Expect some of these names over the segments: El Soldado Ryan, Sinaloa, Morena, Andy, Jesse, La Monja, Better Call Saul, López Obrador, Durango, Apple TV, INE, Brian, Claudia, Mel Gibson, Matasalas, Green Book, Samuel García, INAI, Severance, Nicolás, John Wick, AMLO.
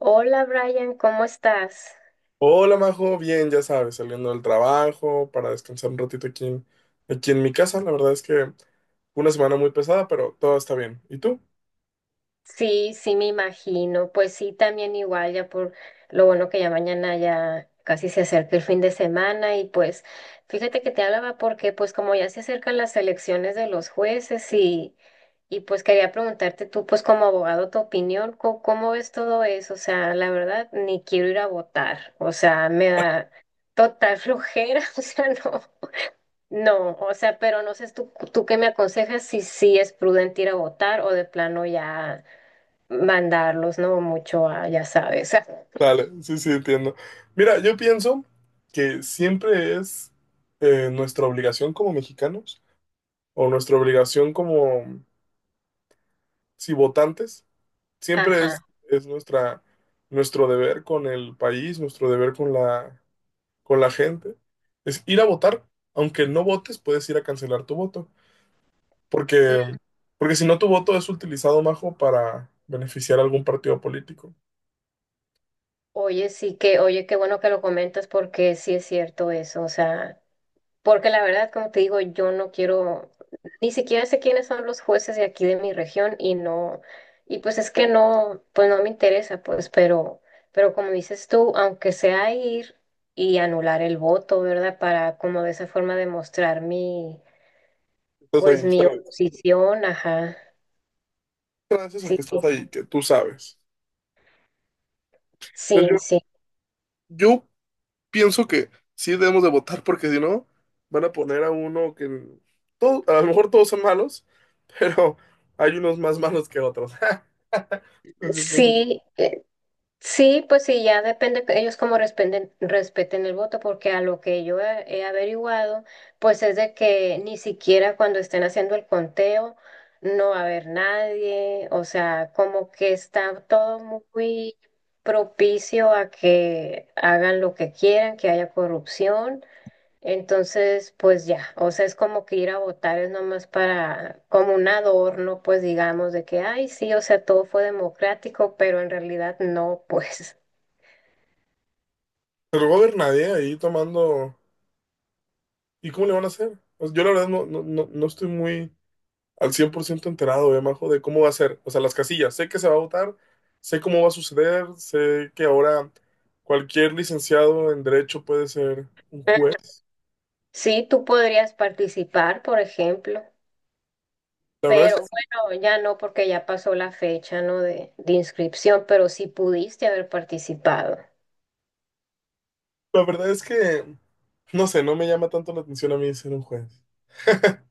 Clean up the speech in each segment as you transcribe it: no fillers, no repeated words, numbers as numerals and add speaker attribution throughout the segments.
Speaker 1: Hola Brian, ¿cómo estás?
Speaker 2: Hola, Majo, bien, ya sabes, saliendo del trabajo para descansar un ratito aquí en mi casa. La verdad es que fue una semana muy pesada, pero todo está bien. ¿Y tú?
Speaker 1: Sí, sí, me imagino. Pues sí, también igual, ya por lo bueno que ya mañana ya casi se acerca el fin de semana y pues fíjate que te hablaba porque pues como ya se acercan las elecciones de los jueces y pues quería preguntarte tú pues como abogado tu opinión, co- ¿cómo, ves todo eso? O sea, la verdad, ni quiero ir a votar, o sea, me da total flojera, o sea, no. No, o sea, pero no sé tú qué me aconsejas si sí es prudente ir a votar o de plano ya mandarlos, ¿no? Mucho a, ya sabes.
Speaker 2: Dale, sí, entiendo. Mira, yo pienso que siempre es nuestra obligación como mexicanos o nuestra obligación como, sí, votantes. Siempre
Speaker 1: Ajá.
Speaker 2: es, es nuestra, nuestro deber con el país, nuestro deber con con la gente. Es ir a votar. Aunque no votes, puedes ir a cancelar tu voto. Porque,
Speaker 1: Mm.
Speaker 2: porque si no, tu voto es utilizado, Majo, para beneficiar a algún partido político.
Speaker 1: Oye, sí que, oye, qué bueno que lo comentas porque sí es cierto eso, o sea. Porque la verdad, como te digo, yo no quiero, ni siquiera sé quiénes son los jueces de aquí de mi región y no, y pues es que no, pues no me interesa, pues, pero, como dices tú, aunque sea ir y anular el voto, ¿verdad? Para como de esa forma demostrar mi,
Speaker 2: Estás
Speaker 1: pues
Speaker 2: ahí,
Speaker 1: mi
Speaker 2: sabes.
Speaker 1: oposición, ajá,
Speaker 2: Gracias a
Speaker 1: sí,
Speaker 2: que estás
Speaker 1: sí,
Speaker 2: ahí, que tú sabes. Entonces
Speaker 1: sí,
Speaker 2: yo,
Speaker 1: sí,
Speaker 2: yo pienso que sí debemos de votar porque si no, van a poner a uno que... Todo, a lo mejor todos son malos, pero hay unos más malos que otros. Entonces yo pienso
Speaker 1: sí.
Speaker 2: que-
Speaker 1: Sí, pues sí, ya depende que ellos cómo respeten el voto, porque a lo que yo he averiguado, pues es de que ni siquiera cuando estén haciendo el conteo no va a haber nadie, o sea, como que está todo muy propicio a que hagan lo que quieran, que haya corrupción. Entonces, pues ya, o sea, es como que ir a votar es nomás para, como un adorno, pues digamos, de que, ay, sí, o sea, todo fue democrático, pero en realidad no, pues.
Speaker 2: Pero no va a haber nadie ahí tomando... ¿Y cómo le van a hacer? O sea, yo la verdad no estoy muy al 100% enterado, Majo, de cómo va a ser. O sea, las casillas. Sé que se va a votar, sé cómo va a suceder, sé que ahora cualquier licenciado en derecho puede ser un juez.
Speaker 1: Sí, tú podrías participar, por ejemplo,
Speaker 2: La verdad es
Speaker 1: pero
Speaker 2: que,
Speaker 1: bueno, ya no porque ya pasó la fecha, ¿no? de inscripción, pero sí pudiste haber participado.
Speaker 2: la verdad es que, no sé, no me llama tanto la atención a mí ser un juez.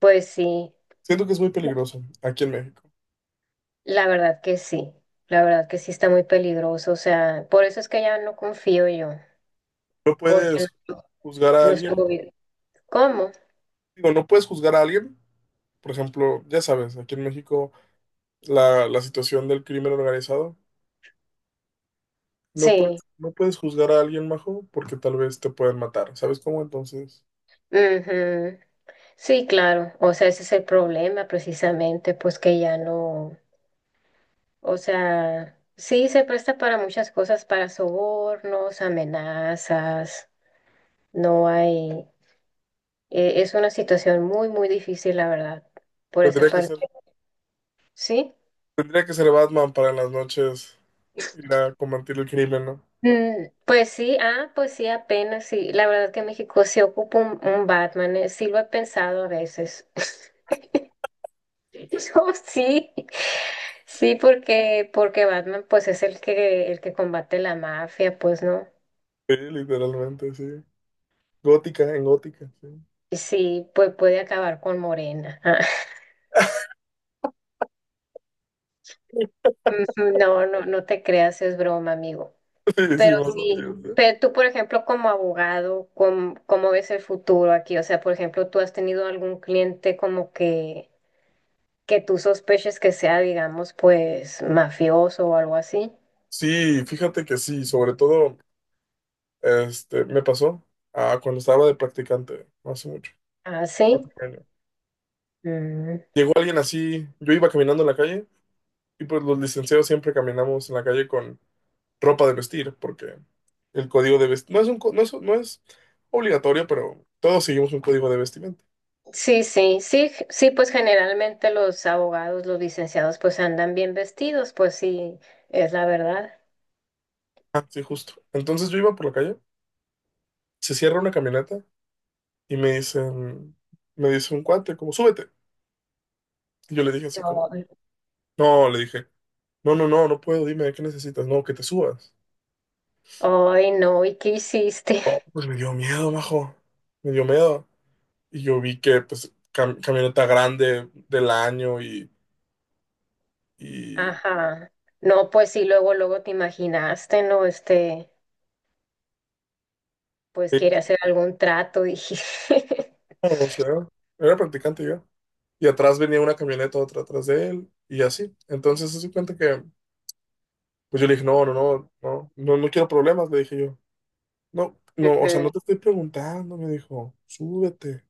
Speaker 1: Pues sí,
Speaker 2: Siento que es muy peligroso aquí en México.
Speaker 1: la verdad que sí, la verdad que sí está muy peligroso, o sea, por eso es que ya no confío yo,
Speaker 2: No
Speaker 1: porque
Speaker 2: puedes
Speaker 1: nuestro
Speaker 2: juzgar a
Speaker 1: nuestro
Speaker 2: alguien,
Speaker 1: gobierno, ¿cómo?
Speaker 2: digo, no puedes juzgar a alguien. Por ejemplo, ya sabes, aquí en México la situación del crimen organizado.
Speaker 1: Sí,
Speaker 2: No puedes juzgar a alguien, majo, porque tal vez te pueden matar. ¿Sabes cómo? Entonces,
Speaker 1: ujú. Sí, claro, o sea, ese es el problema precisamente, pues que ya no, o sea, sí se presta para muchas cosas, para sobornos, amenazas, no hay, es una situación muy, muy difícil, la verdad, por esa
Speaker 2: tendría que
Speaker 1: parte,
Speaker 2: ser,
Speaker 1: ¿sí?
Speaker 2: tendría que ser Batman para en las noches ir a combatir el crimen, ¿no?
Speaker 1: Mm, pues sí, ah, pues sí, apenas, sí, la verdad que México se ocupa un Batman, sí lo he pensado a veces. No, sí, sí, porque, Batman pues es el que combate la mafia, pues no.
Speaker 2: Sí, literalmente, sí. Gótica, en gótica, sí.
Speaker 1: Y sí, pues puede acabar con Morena. Ah, ujú. No, no, no te creas, es broma, amigo.
Speaker 2: Sí, sí,
Speaker 1: Pero
Speaker 2: majo,
Speaker 1: sí,
Speaker 2: yo sé.
Speaker 1: pero tú, por ejemplo, como abogado, ¿cómo ves el futuro aquí? O sea, por ejemplo, ¿tú has tenido algún cliente como que tú sospeches que sea, digamos, pues mafioso o algo así?
Speaker 2: Sí, fíjate que sí, sobre todo, me pasó cuando estaba de practicante, no hace mucho,
Speaker 1: Ah, sí.
Speaker 2: hace 1 año.
Speaker 1: Mm.
Speaker 2: Llegó alguien así, yo iba caminando en la calle, y pues los licenciados siempre caminamos en la calle con ropa de vestir, porque el código de vestir no es un, no es obligatorio, pero todos seguimos un código de vestimenta.
Speaker 1: Sí, sí, sí, sí, pues generalmente los abogados, los licenciados, pues andan bien vestidos, pues sí, es la verdad.
Speaker 2: Ah, sí, justo. Entonces yo iba por la calle, se cierra una camioneta y me dicen, me dice un cuate, como, súbete. Y yo le dije así como,
Speaker 1: Ay,
Speaker 2: no, le dije, no puedo, dime, ¿qué necesitas? No, que te subas.
Speaker 1: ay, no, ¿y qué hiciste?
Speaker 2: Pues me dio miedo, majo. Me dio miedo. Y yo vi que, pues, camioneta grande del año y,
Speaker 1: Ajá. No, pues sí, luego, luego te imaginaste, ¿no? Este, pues
Speaker 2: y-
Speaker 1: quiere hacer algún trato, dije.
Speaker 2: o sea, era practicante yo. Y atrás venía una camioneta, otra atrás de él, y así. Entonces se dio cuenta que, pues yo le dije, no quiero problemas, le dije yo. No, o sea,
Speaker 1: Ujú.
Speaker 2: no te estoy preguntando, me dijo, súbete.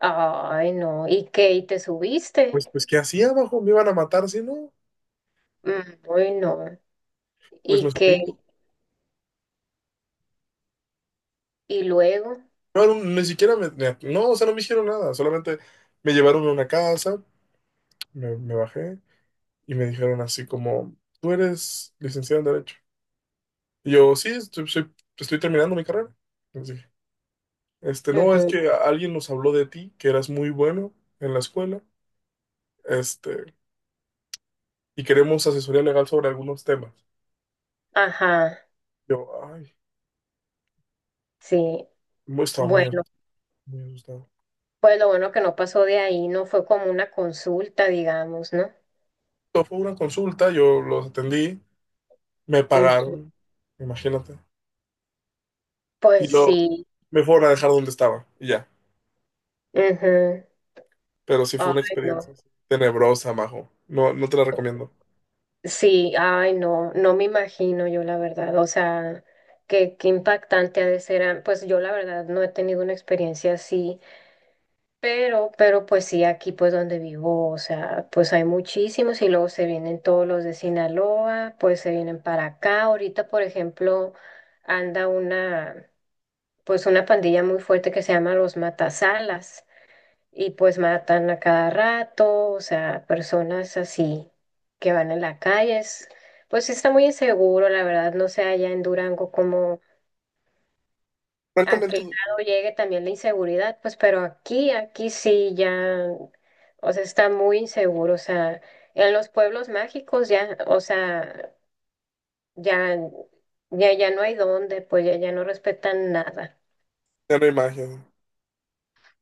Speaker 1: Ay, no, ¿y qué? ¿Y te subiste?
Speaker 2: Pues, pues, ¿qué hacía abajo? ¿Me iban a matar si no?
Speaker 1: Mm. Ay, no,
Speaker 2: Pues me
Speaker 1: ¿y qué?
Speaker 2: subí.
Speaker 1: ¿Y luego?
Speaker 2: No, no, ni siquiera no, o sea, no me hicieron nada, solamente me llevaron a una casa, me bajé y me dijeron así como, tú eres licenciado en Derecho. Y yo, sí, estoy terminando mi carrera. No, es
Speaker 1: Ujú.
Speaker 2: que alguien nos habló de ti, que eras muy bueno en la escuela, este, y queremos asesoría legal sobre algunos temas.
Speaker 1: Ajá,
Speaker 2: Yo, ay,
Speaker 1: sí,
Speaker 2: estaba muy
Speaker 1: bueno.
Speaker 2: asustado, muy asustado.
Speaker 1: Pues lo bueno que no pasó de ahí, no fue como una consulta, digamos, ¿no?
Speaker 2: Esto fue una consulta, yo los atendí, me
Speaker 1: Ujú.
Speaker 2: pagaron, imagínate, y
Speaker 1: Pues
Speaker 2: luego
Speaker 1: sí.
Speaker 2: me fueron a dejar donde estaba, y ya.
Speaker 1: Ujú.
Speaker 2: Pero sí fue una
Speaker 1: Ay, no.
Speaker 2: experiencia sí, tenebrosa, majo. No, no te la recomiendo.
Speaker 1: Sí, ay, no, no me imagino yo la verdad. O sea, qué, impactante ha de ser. Pues yo la verdad no he tenido una experiencia así, pero pues sí, aquí pues donde vivo, o sea, pues hay muchísimos y luego se vienen todos los de Sinaloa, pues se vienen para acá. Ahorita, por ejemplo, anda una... pues una pandilla muy fuerte que se llama los Matasalas y pues matan a cada rato, o sea, personas así que van en la calle. Pues sí está muy inseguro, la verdad, no sé allá en Durango como a
Speaker 2: Francamente,
Speaker 1: qué grado llegue también la inseguridad, pues pero aquí, sí ya, o sea, está muy inseguro, o sea, en los pueblos mágicos ya, o sea, ya, ya, ya no hay dónde, pues ya, ya no respetan nada.
Speaker 2: ya no hay magia.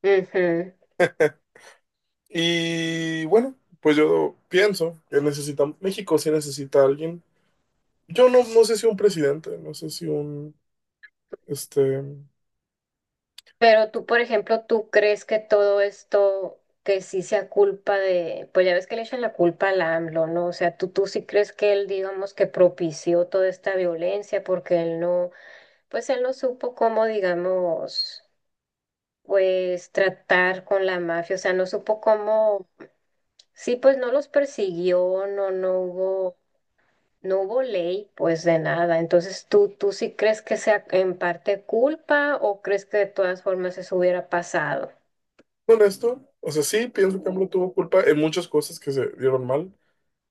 Speaker 1: Ujú.
Speaker 2: Y bueno, pues yo pienso que necesita, México sí necesita a alguien. Yo no, no sé si un presidente, no sé si un, este,
Speaker 1: Pero tú, por ejemplo, ¿tú crees que todo esto, que sí sea culpa de, pues ya ves que le echan la culpa al AMLO, ¿no? O sea, tú, sí crees que él, digamos, que propició toda esta violencia porque él no, pues él no supo cómo, digamos, pues tratar con la mafia, o sea, no supo cómo, sí, pues no los persiguió, no, no hubo ley, pues de nada. Entonces, ¿tú sí crees que sea en parte culpa o crees que de todas formas eso hubiera pasado?
Speaker 2: honesto. O sea, sí, pienso que AMLO tuvo culpa en muchas cosas que se dieron mal,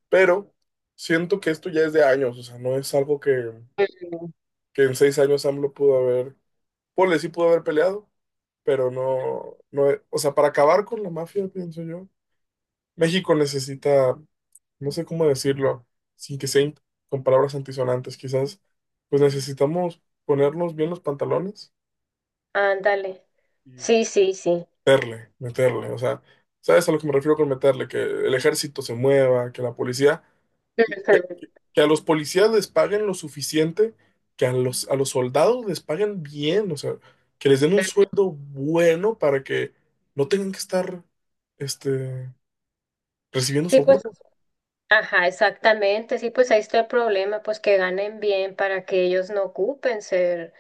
Speaker 2: pero siento que esto ya es de años, o sea, no es algo
Speaker 1: Ujú.
Speaker 2: que en 6 años AMLO pudo haber, ponle, sí pudo haber peleado, pero no, no, o sea, para acabar con la mafia, pienso yo, México necesita, no sé cómo decirlo, sin que sea in- con palabras antisonantes, quizás, pues necesitamos ponernos bien los pantalones.
Speaker 1: Ándale. Sí, sí, sí.
Speaker 2: Meterle, o sea, ¿sabes a lo que me refiero con meterle? Que el ejército se mueva, que la policía, que,
Speaker 1: Ujú.
Speaker 2: que a los policías les paguen lo suficiente, que a a los soldados les paguen bien, o sea, que les den un sueldo bueno para que no tengan que estar, este, recibiendo
Speaker 1: Sí,
Speaker 2: soborno.
Speaker 1: pues, ajá, exactamente. Sí, pues ahí está el problema, pues que ganen bien para que ellos no ocupen ser,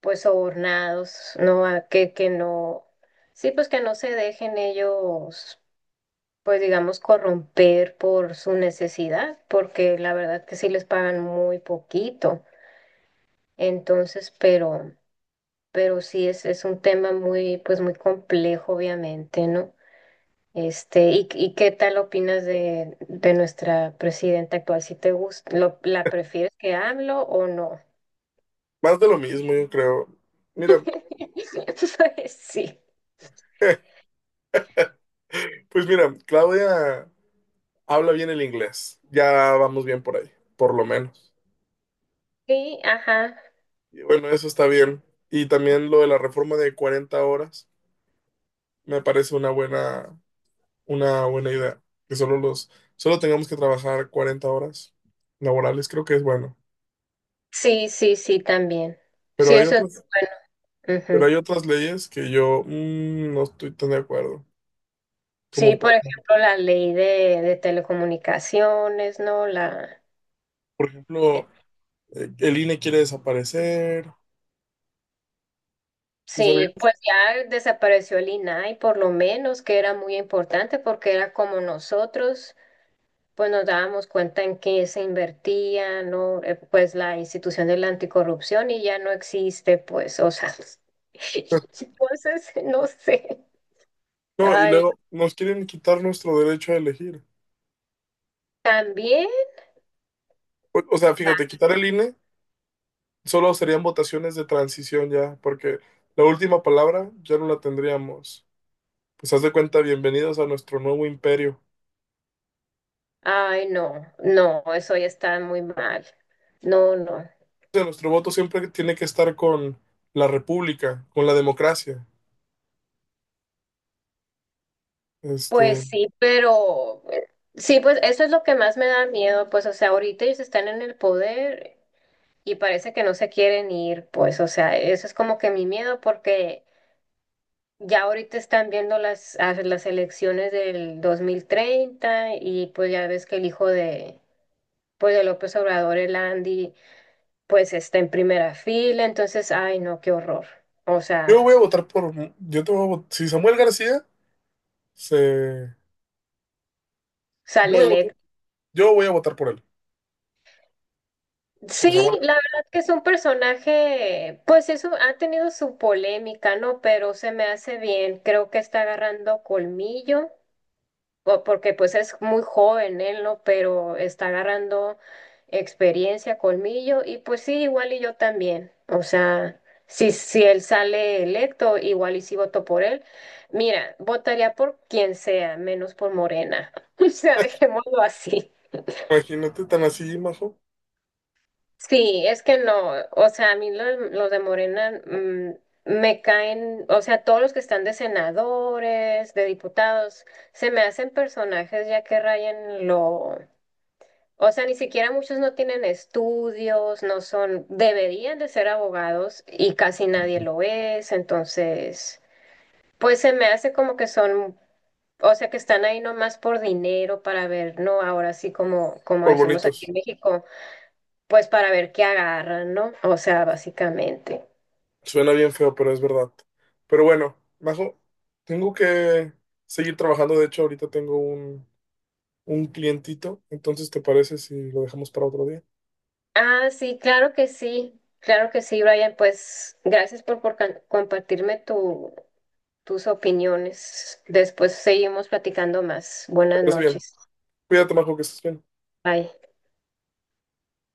Speaker 1: pues, sobornados, no, que, no, sí, pues que no se dejen ellos, pues, digamos, corromper por su necesidad, porque la verdad que sí les pagan muy poquito. Entonces, pero, sí es un tema muy, pues, muy complejo, obviamente, ¿no? Este, ¿y qué tal opinas de nuestra presidenta actual? ¿Si te gusta, la prefieres que AMLO o no?
Speaker 2: Más de lo mismo, yo creo. Mira,
Speaker 1: Pues sí.
Speaker 2: pues mira, Claudia habla bien el inglés, ya vamos bien por ahí, por lo menos.
Speaker 1: Sí, ajá.
Speaker 2: Y bueno, eso está bien. Y también lo de la reforma de 40 horas me parece una buena idea. Que solo tengamos que trabajar 40 horas laborales, creo que es bueno.
Speaker 1: Sí, sí, sí, también.
Speaker 2: Pero
Speaker 1: Sí,
Speaker 2: hay
Speaker 1: eso es
Speaker 2: otras,
Speaker 1: bueno.
Speaker 2: pero
Speaker 1: Ujú.
Speaker 2: hay otras leyes que yo no estoy tan de acuerdo.
Speaker 1: Sí,
Speaker 2: Como
Speaker 1: por ejemplo, la ley de telecomunicaciones, ¿no? La...
Speaker 2: por
Speaker 1: eh,
Speaker 2: ejemplo, el INE quiere desaparecer. ¿Sí
Speaker 1: Sí,
Speaker 2: sabías?
Speaker 1: pues ya desapareció el INAI, por lo menos, que era muy importante porque era como nosotros. Pues nos dábamos cuenta en qué se invertía, ¿no? Pues la institución de la anticorrupción y ya no existe, pues, o sea, entonces, no sé.
Speaker 2: No, y
Speaker 1: Ay,
Speaker 2: luego nos quieren quitar nuestro derecho a elegir.
Speaker 1: también,
Speaker 2: O sea, fíjate, quitar el INE. Solo serían votaciones de transición ya, porque la última palabra ya no la tendríamos. Pues haz de cuenta, bienvenidos a nuestro nuevo imperio.
Speaker 1: ay, no, no, eso ya está muy mal. No, no.
Speaker 2: O sea, nuestro voto siempre tiene que estar con la república, con la democracia.
Speaker 1: Pues
Speaker 2: Este,
Speaker 1: sí, pero sí, pues eso es lo que más me da miedo, pues, o sea, ahorita ellos están en el poder y parece que no se quieren ir, pues, o sea, eso es como que mi miedo porque... Ya ahorita están viendo las, las elecciones del 2030 y pues ya ves que el hijo de, pues de López Obrador, el Andy, pues está en primera fila, entonces, ay no, qué horror. O
Speaker 2: yo
Speaker 1: sea,
Speaker 2: voy a votar por, yo te voy a vot- si Samuel García se, yo
Speaker 1: sale
Speaker 2: voy a votar,
Speaker 1: electo.
Speaker 2: yo voy a votar por él, por Samuel.
Speaker 1: Sí, la
Speaker 2: García.
Speaker 1: verdad que es un personaje, pues eso ha tenido su polémica, ¿no? Pero se me hace bien, creo que está agarrando colmillo porque pues es muy joven él, ¿no? Pero está agarrando experiencia, colmillo, y pues sí, igual y yo también. O sea, si, él sale electo, igual y si voto por él. Mira, votaría por quien sea, menos por Morena. O sea, dejémoslo así.
Speaker 2: Imagínate tan así, Majo,
Speaker 1: Sí, es que no, o sea, a mí los de Morena me caen, o sea, todos los que están de senadores, de diputados, se me hacen personajes ya que rayan lo, o sea, ni siquiera muchos no tienen estudios, no son, deberían de ser abogados y casi nadie lo es, entonces, pues se me hace como que son, o sea, que están ahí nomás por dinero para ver, ¿no? Ahora sí, como, como
Speaker 2: por
Speaker 1: decimos aquí
Speaker 2: bonitos.
Speaker 1: en México, pues para ver qué agarran, ¿no? O sea, básicamente.
Speaker 2: Suena bien feo, pero es verdad. Pero bueno, Majo, tengo que seguir trabajando. De hecho, ahorita tengo un clientito. Entonces, ¿te parece si lo dejamos para otro día?
Speaker 1: Ah, sí, claro que sí, claro que sí, Brian, pues gracias por compartirme tu, tus opiniones. Después seguimos platicando más.
Speaker 2: ¿Te
Speaker 1: Buenas
Speaker 2: parece bien?
Speaker 1: noches.
Speaker 2: Cuídate, Majo, que estés bien.
Speaker 1: Bye